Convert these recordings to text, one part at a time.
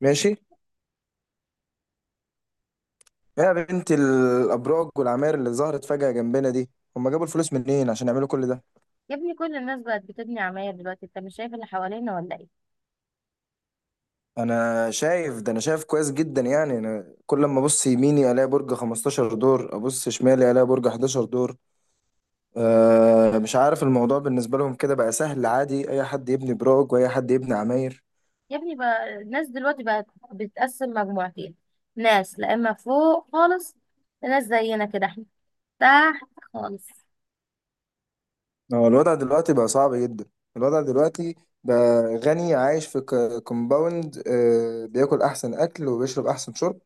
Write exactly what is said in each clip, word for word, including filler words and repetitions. ماشي، يا بنت الابراج والعماير اللي ظهرت فجأة جنبنا دي، هم جابوا الفلوس منين عشان يعملوا كل ده؟ يا ابني، كل الناس بقت بتبني عماير دلوقتي. انت مش شايف اللي حوالينا ولا ايه؟ انا شايف ده، انا شايف كويس جدا. يعني انا كل ما ابص يميني الاقي برج خمستاشر دور، ابص شمالي الاقي برج حداشر دور. أه مش عارف الموضوع بالنسبة لهم كده بقى سهل، عادي اي حد يبني براج واي حد يبني عماير. يا ابني، بقى الناس دلوقتي بقت بتقسم مجموعتين. ناس لا اما فوق خالص، ناس زينا كده احنا تحت خالص. هو الوضع دلوقتي بقى صعب جدا. الوضع دلوقتي بقى غني عايش في كومباوند، أه بياكل احسن اكل وبيشرب احسن شرب،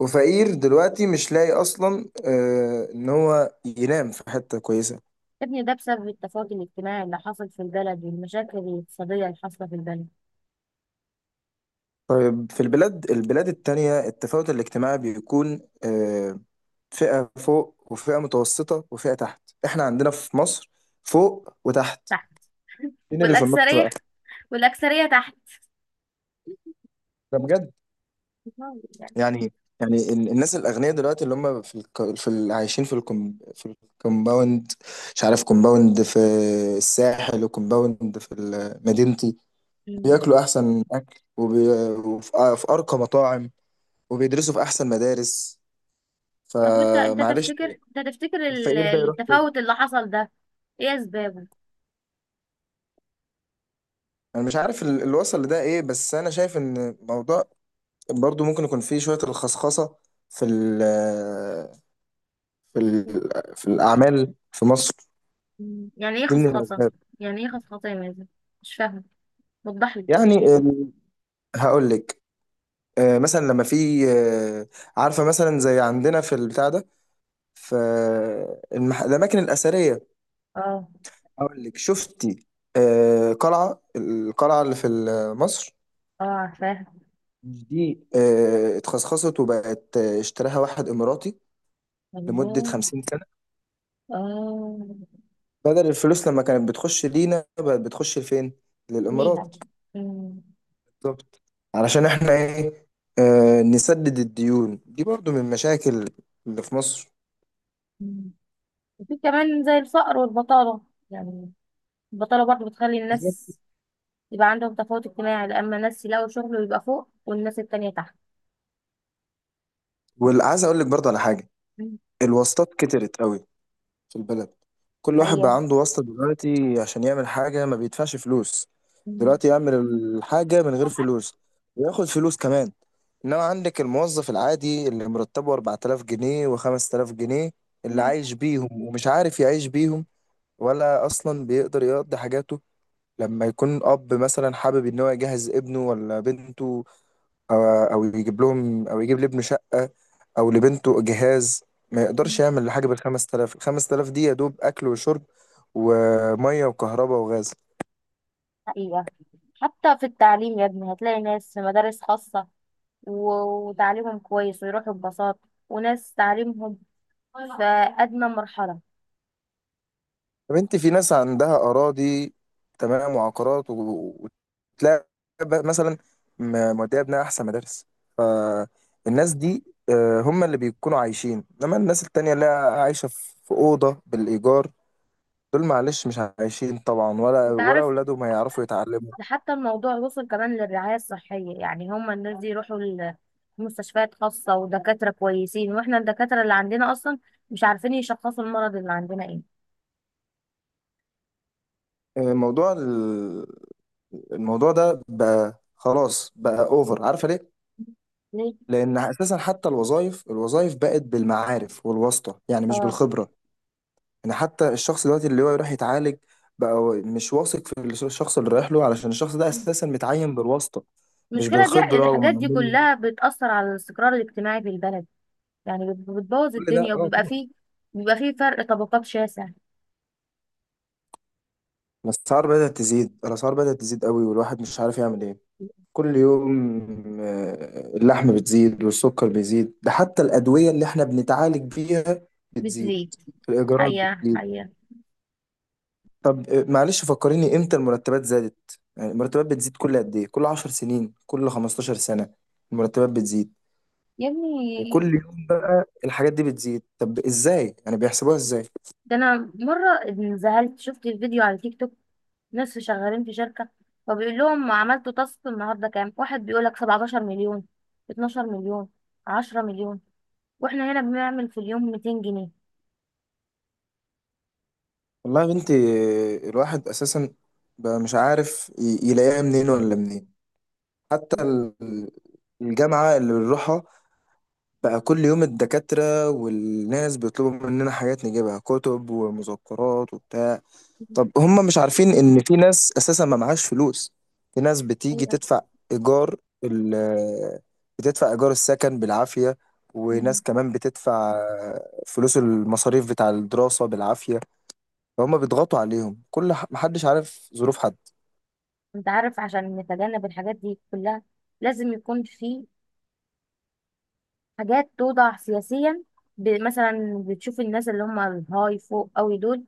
وفقير دلوقتي مش لاقي اصلا آه ان هو ينام في حته كويسه. يا ابني، ده بسبب التفاوت الاجتماعي اللي حصل في البلد والمشاكل الاقتصادية اللي حاصلة في البلد. طيب في البلاد البلاد التانية التفاوت الاجتماعي بيكون آه فئه فوق وفئه متوسطه وفئه تحت. احنا عندنا في مصر فوق وتحت. تحت. مين اللي في النص بقى؟ والأكثرية والأكثرية تحت. ده بجد؟ يعني. يعني يعني ال- الناس الاغنياء دلوقتي اللي هم في الك... في ال... عايشين في الكم... في الكومباوند، مش عارف كومباوند في الساحل وكومباوند في ال- مدينتي. مم. بياكلوا احسن اكل وبي... وفي آه، في ارقى مطاعم، وبيدرسوا في احسن مدارس. طب، وانت انت فمعلش. تفتكر، انت تفتكر ال- الفقير ده يروح فين؟ التفاوت اللي حصل ده ايه اسبابه؟ انا مش عارف ال- اللي وصل لده ايه، بس انا شايف ان الموضوع برضو ممكن يكون فيه شوية الخصخصة في ال... في ال... في الاعمال في مصر. مم. يعني ايه دي من خصخصة؟ الاسباب. يعني ايه خصخصة يا مازن؟ مش فاهمة، وضح لي. يعني ال- هقول لك. آه، مثلا لما في آه، عارفة مثلا زي عندنا في البتاع ده، في المح... الأماكن الأثرية. اه. اقول لك، شفتي؟ آه قلعه القلعه اللي في ال- مصر، اه، عارفاها. مش دي آه اتخصخصت وبقت، آه، اشتراها واحد اماراتي لمده الله. خمسين سنه. اه. بدل الفلوس لما كانت بتخش لينا بقت بتخش لفين؟ ليها. للامارات. مم. بالظبط. علشان احنا ايه، آه نسدد الديون. دي برضو من المشاكل اللي في مصر. مم. وفي كمان زي الفقر والبطالة، يعني البطالة برضو بتخلي بالظبط. الناس يبقى عندهم تفاوت اجتماعي لأما الناس يلاقوا شغل ويبقى فوق والناس التانية تحت. وعايز اقول لك برضو على حاجه. مم. الواسطات كترت قوي في البلد. كل واحد حقيقة. بقى عنده واسطة دلوقتي عشان يعمل حاجة ما بيدفعش فلوس. مم. دلوقتي يعمل الحاجة من غير فلوس وياخد فلوس كمان. انما عندك الموظف العادي اللي مرتبه أربعة آلاف جنيه و5000 جنيه، اللي مم. عايش بيهم ومش عارف يعيش بيهم، ولا اصلا بيقدر يقضي حاجاته. لما يكون اب مثلا حابب ان هو يجهز ابنه ولا بنته، او او يجيب لهم، او يجيب لابنه شقه او لبنته جهاز. ما يقدرش مم. يعمل حاجه بال خمس تلاف، ال خمس تلاف دي يا دوب اكل وشرب، وميه وكهرباء وغاز. حقيقة، حتى في التعليم يا ابني هتلاقي ناس في مدارس خاصة و- وتعليمهم كويس ويروحوا ببساطة، وناس تعليمهم في أدنى مرحلة. طب انت في ناس عندها اراضي تمام، وعقارات و- وتلاقي، ب- مثلا م- موديه ابنها احسن مدارس. فالناس دي، آه، هم اللي بيكونوا عايشين. انما الناس التانية اللي عايشه في في اوضه بالايجار، دول معلش مش عايشين طبعا، ولا أنت ولا عارف، اولادهم هيعرفوا يتعلموا. ده حتى الموضوع وصل كمان للرعاية الصحية، يعني هما الناس دي يروحوا ل- لمستشفيات خاصة ودكاترة كويسين، وإحنا الدكاترة اللي عندنا أصلا مش عارفين يشخصوا المرض اللي عندنا إيه. موضوع ال- الموضوع ده بقى خلاص بقى اوفر. عارفه ليه؟ ليه؟ لان اساسا حتى الوظائف الوظائف بقت بالمعارف والواسطه، يعني مش آه. بالخبره. يعني حتى الشخص دلوقتي اللي هو يروح يتعالج، بقى هو مش واثق في الشخص اللي رايح له، علشان الشخص ده اساسا متعين بالواسطه مش المشكلة دي، بالخبره الحاجات دي ومعمول له. كلها بتأثر على الاستقرار الاجتماعي في البلد. يعني بت- بتبوظ كل ده الدنيا، اه وبيبقى طبعا. فيه بيبقى فيه فرق طبقات شاسع. الاسعار بدات تزيد، الاسعار بدات تزيد قوي، والواحد مش عارف يعمل ايه. كل يوم آه، اللحم بتزيد والسكر بيزيد. ده حتى الأدوية اللي احنا بنتعالج بيها بتزيد. بتزيد. الإيجارات حقيقة، بتزيد. حقيقة. طب آه، معلش فكريني امتى المرتبات زادت؟ يعني المرتبات بتزيد كل قد ايه؟ كل 10 سنين؟ كل 15 سنة؟ المرتبات بتزيد. يا ابني، وكل يوم بقى الحاجات دي بتزيد. طب ازاي يعني بيحسبوها ازاي؟ ده أنا مرة انزهلت، شفت الفيديو على تيك توك. نصف شغالين في شركة، فبيقول لهم عملتوا تاسك النهاردة كام، واحد بيقول لك 17 مليون، 12 مليون، 10 مليون، واحنا هنا بنعمل في اليوم ميتين جنيه. والله يا بنتي. آه، الواحد اساسا بقى مش عارف ي- يلاقيها منين ولا منين. حتى ال- الجامعة اللي بنروحها، بقى كل يوم الدكاترة والناس بيطلبوا مننا حاجات نجيبها، كتب ومذكرات وبتاع. طب هم مش عارفين إن في ناس أساسا ما معهاش فلوس؟ في ناس بتيجي حقيقة. تدفع إيجار ال بتدفع إيجار السكن بالعافية، مم. وناس كمان بتدفع فلوس المصاريف بتاع الدراسة بالعافية. فهم بيضغطوا عليهم، كل ح- محدش عارف ظروف حد. انت عارف، عشان نتجنب الحاجات دي كلها لازم يكون في حاجات توضع سياسيا. ب- مثلا بتشوف الناس اللي هم الهاي فوق قوي دول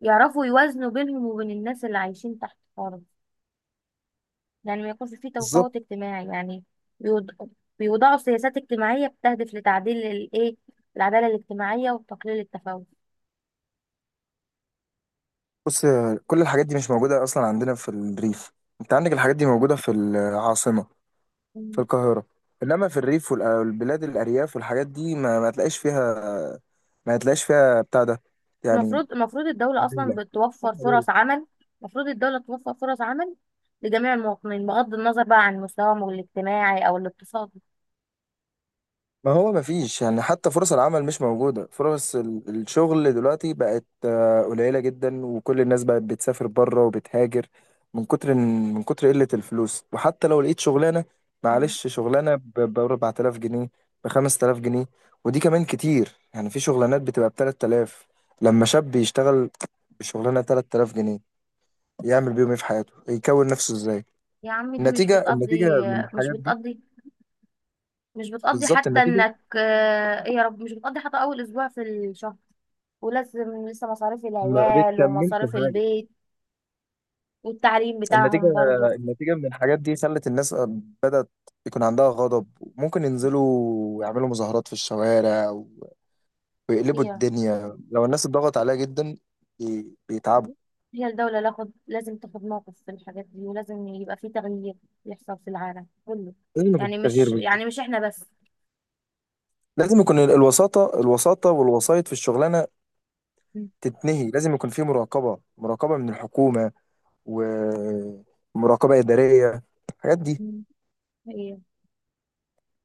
يعرفوا يوازنوا بينهم وبين الناس اللي عايشين تحت خالص، يعني ما يكونش فيه بالظبط. تفاوت اجتماعي، يعني بيوض- بيوضعوا سياسات اجتماعية بتهدف لتعديل الايه، العدالة الاجتماعية وتقليل التفاوت. بص، كل الحاجات دي مش موجودة أصلا عندنا في الريف. أنت عندك الحاجات دي موجودة في العاصمة، في مم. القاهرة. إنما في الريف والبلاد الأرياف والحاجات دي، ما, ما تلاقيش فيها. ما تلاقيش فيها بتاع ده يعني. المفروض المفروض الدولة أصلا مجالة. مفيش بتوفر مجالة. فرص عمل. المفروض الدولة توفر فرص عمل لجميع المواطنين بغض النظر بقى عن مستواهم الاجتماعي أو الاقتصادي. ما هو ما فيش. يعني حتى فرص العمل مش موجودة. فرص ال- الشغل دلوقتي بقت آه، قليلة جدا، وكل الناس بقت بتسافر بره وبتهاجر من كتر إن- من كتر قلة الفلوس. وحتى لو لقيت شغلانة، مم. معلش شغلانة ب ب أربعة آلاف جنيه، ب خمس تلاف جنيه، ودي كمان كتير. يعني في شغلانات بتبقى ب تلاتة آلاف. لما شاب يشتغل شغلانه تلاتة آلاف جنيه، يعمل بيهم ايه في حياته؟ يكون نفسه ازاي؟ يا عم، دي مش النتيجه النتيجه بتقضي. من مش الحاجات دي. بتقضي. مش بتقضي بالظبط. حتى النتيجه. انك آه، ايه يا رب، مش بتقضي حتى اول اسبوع في الشهر، ولازم لسه مصاريف ما العيال بتكملش ومصاريف حاجه. البيت والتعليم النتيجه بتاعهم برضو. النتيجه من الحاجات دي خلت الناس بدأت يكون عندها غضب. ممكن ينزلوا يعملوا مظاهرات في الشوارع و- ويقلبوا هي الدنيا لو الناس اتضغط عليها جدا. بي- بيتعبوا. هي الدولة لاخد لازم تاخد موقف في الحاجات دي، ولازم يبقى في تغيير يحصل في العالم كله. لازم يكون يعني في تغيير مش بالظبط. يعني مش احنا بس. لازم يكون ال- الوساطه الوساطه والوسايط في الشغلانه م- تتنهي. لازم يكون في مراقبه مراقبه من الحكومه، ومراقبة إدارية الحاجات دي. م- هي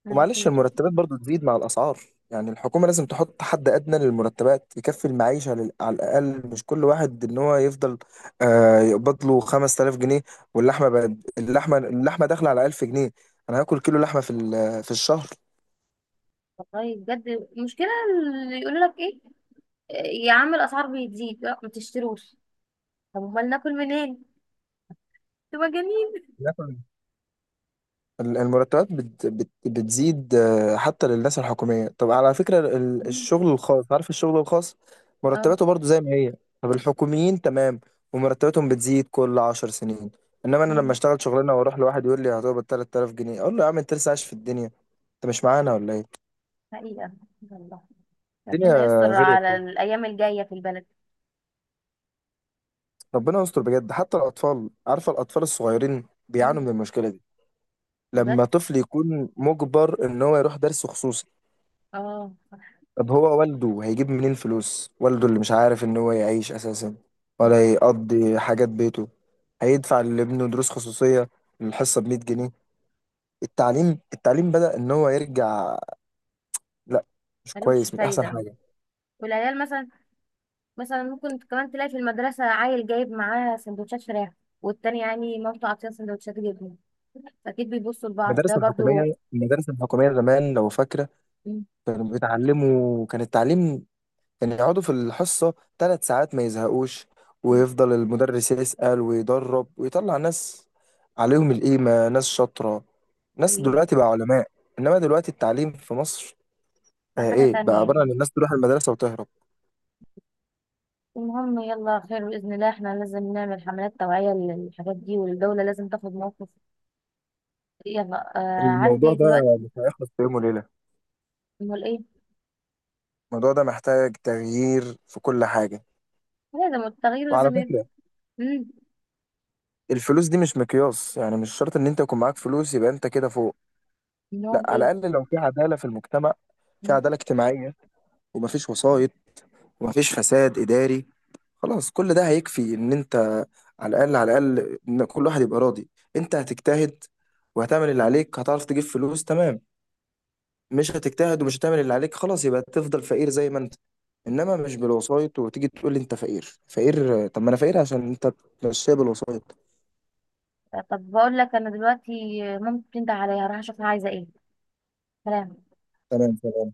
على ومعلش خير. المرتبات برضو تزيد مع الأسعار. يعني الحكومة لازم تحط حد أدنى للمرتبات يكفي المعيشة، لل- على الأقل. مش كل واحد إن هو يفضل آه، يقبض له خمس تلاف جنيه واللحمة بقت. اللحمة اللحمة داخلة على ألف جنيه. أنا هاكل كيلو لحمة في ال- في الشهر؟ والله بجد، المشكلة اللي يقول لك ايه، إيه يا عم الأسعار بتزيد لا ما تشتروش، طب امال ناكل منين؟ انتوا مجانين. ال- المرتبات بت بت بتزيد آه، حتى للناس الحكومية. طب على فكرة ال- م- الشغل الخاص، عارف الشغل الخاص؟ اه. مرتباته برضو زي ما هي. طب الحكوميين تمام، ومرتباتهم بتزيد كل عشر سنين. انما انا لما م- اشتغل شغلانة واروح لواحد يقول لي هتقبض ثلاثة آلاف جنيه، اقول له يا عم، انت لسه عايش في الدنيا؟ انت مش معانا ولا ايه؟ حقيقة، والله، الدنيا ربنا يستر غير على خالص. الأيام الجاية في البلد. ربنا يستر بجد. حتى الاطفال، عارفة؟ الاطفال الصغيرين بيعانوا م- من المشكلة دي. بجد. لما طفل يكون مجبر ان هو يروح درس خصوصي، اه، طب هو والده هيجيب منين فلوس؟ والده اللي مش عارف ان هو يعيش اساسا ولا يقضي حاجات بيته، هيدفع لابنه دروس خصوصية الحصة ب ميه جنيه؟ التعليم التعليم بدأ ان هو يرجع. لا، مش ملوش كويس، مش احسن فايدة. حاجة. والعيال مثلا، مثلا ممكن كمان تلاقي في المدرسة عيل جايب معاه سندوتشات فراخ، والتاني يعني مامته عاطيه سندوتشات جبنة، فأكيد بيبصوا لبعض ده المدارس برضو. الحكومية المدارس الحكومية زمان، لو فاكرة، مم. كانوا بيتعلموا. كان التعليم ان يقعدوا في الحصة ثلاث ساعات ما يزهقوش، ويفضل المدرس يسأل ويدرب ويطلع ناس عليهم القيمة، ناس شاطرة، ناس طيب، دلوقتي بقى علماء. انما دلوقتي التعليم في مصر بقى آه حاجة ايه بقى تانية عبارة عن يعني. الناس تروح المدرسة وتهرب. المهم يلا، خير بإذن الله، احنا لازم نعمل حملات توعية للحاجات دي والدولة لازم تاخد موقف. يلا، آه الموضوع عندي ده دلوقتي. مش هيخلص في يوم وليلة. امال ايه. الموضوع ده محتاج تغيير في كل حاجة. لازم التغيير وعلى لازم يبقى. فكرة، مم. الفلوس دي مش مقياس، يعني مش شرط ان انت يكون معاك فلوس يبقى انت كده فوق. لا، امال ايه. على الاقل لو في عدالة في المجتمع، في مم. عدالة اجتماعية، ومفيش وسايط ومفيش فساد إداري، خلاص كل ده هيكفي. إن أنت، على الأقل على الأقل، إن كل واحد يبقى راضي. أنت هتجتهد، وهتعمل اللي عليك، هتعرف تجيب فلوس، تمام. مش هتجتهد ومش هتعمل اللي عليك، خلاص يبقى تفضل فقير زي ما أنت. إنما مش بالوسايط، وتيجي تقول لي أنت فقير فقير؟ طب ما أنا فقير عشان أنت بتمشيها بالوسايط. طب بقول لك، انا دلوقتي مامتي بتنده عليا، هروح اشوفها عايزة ايه. سلام. تمام.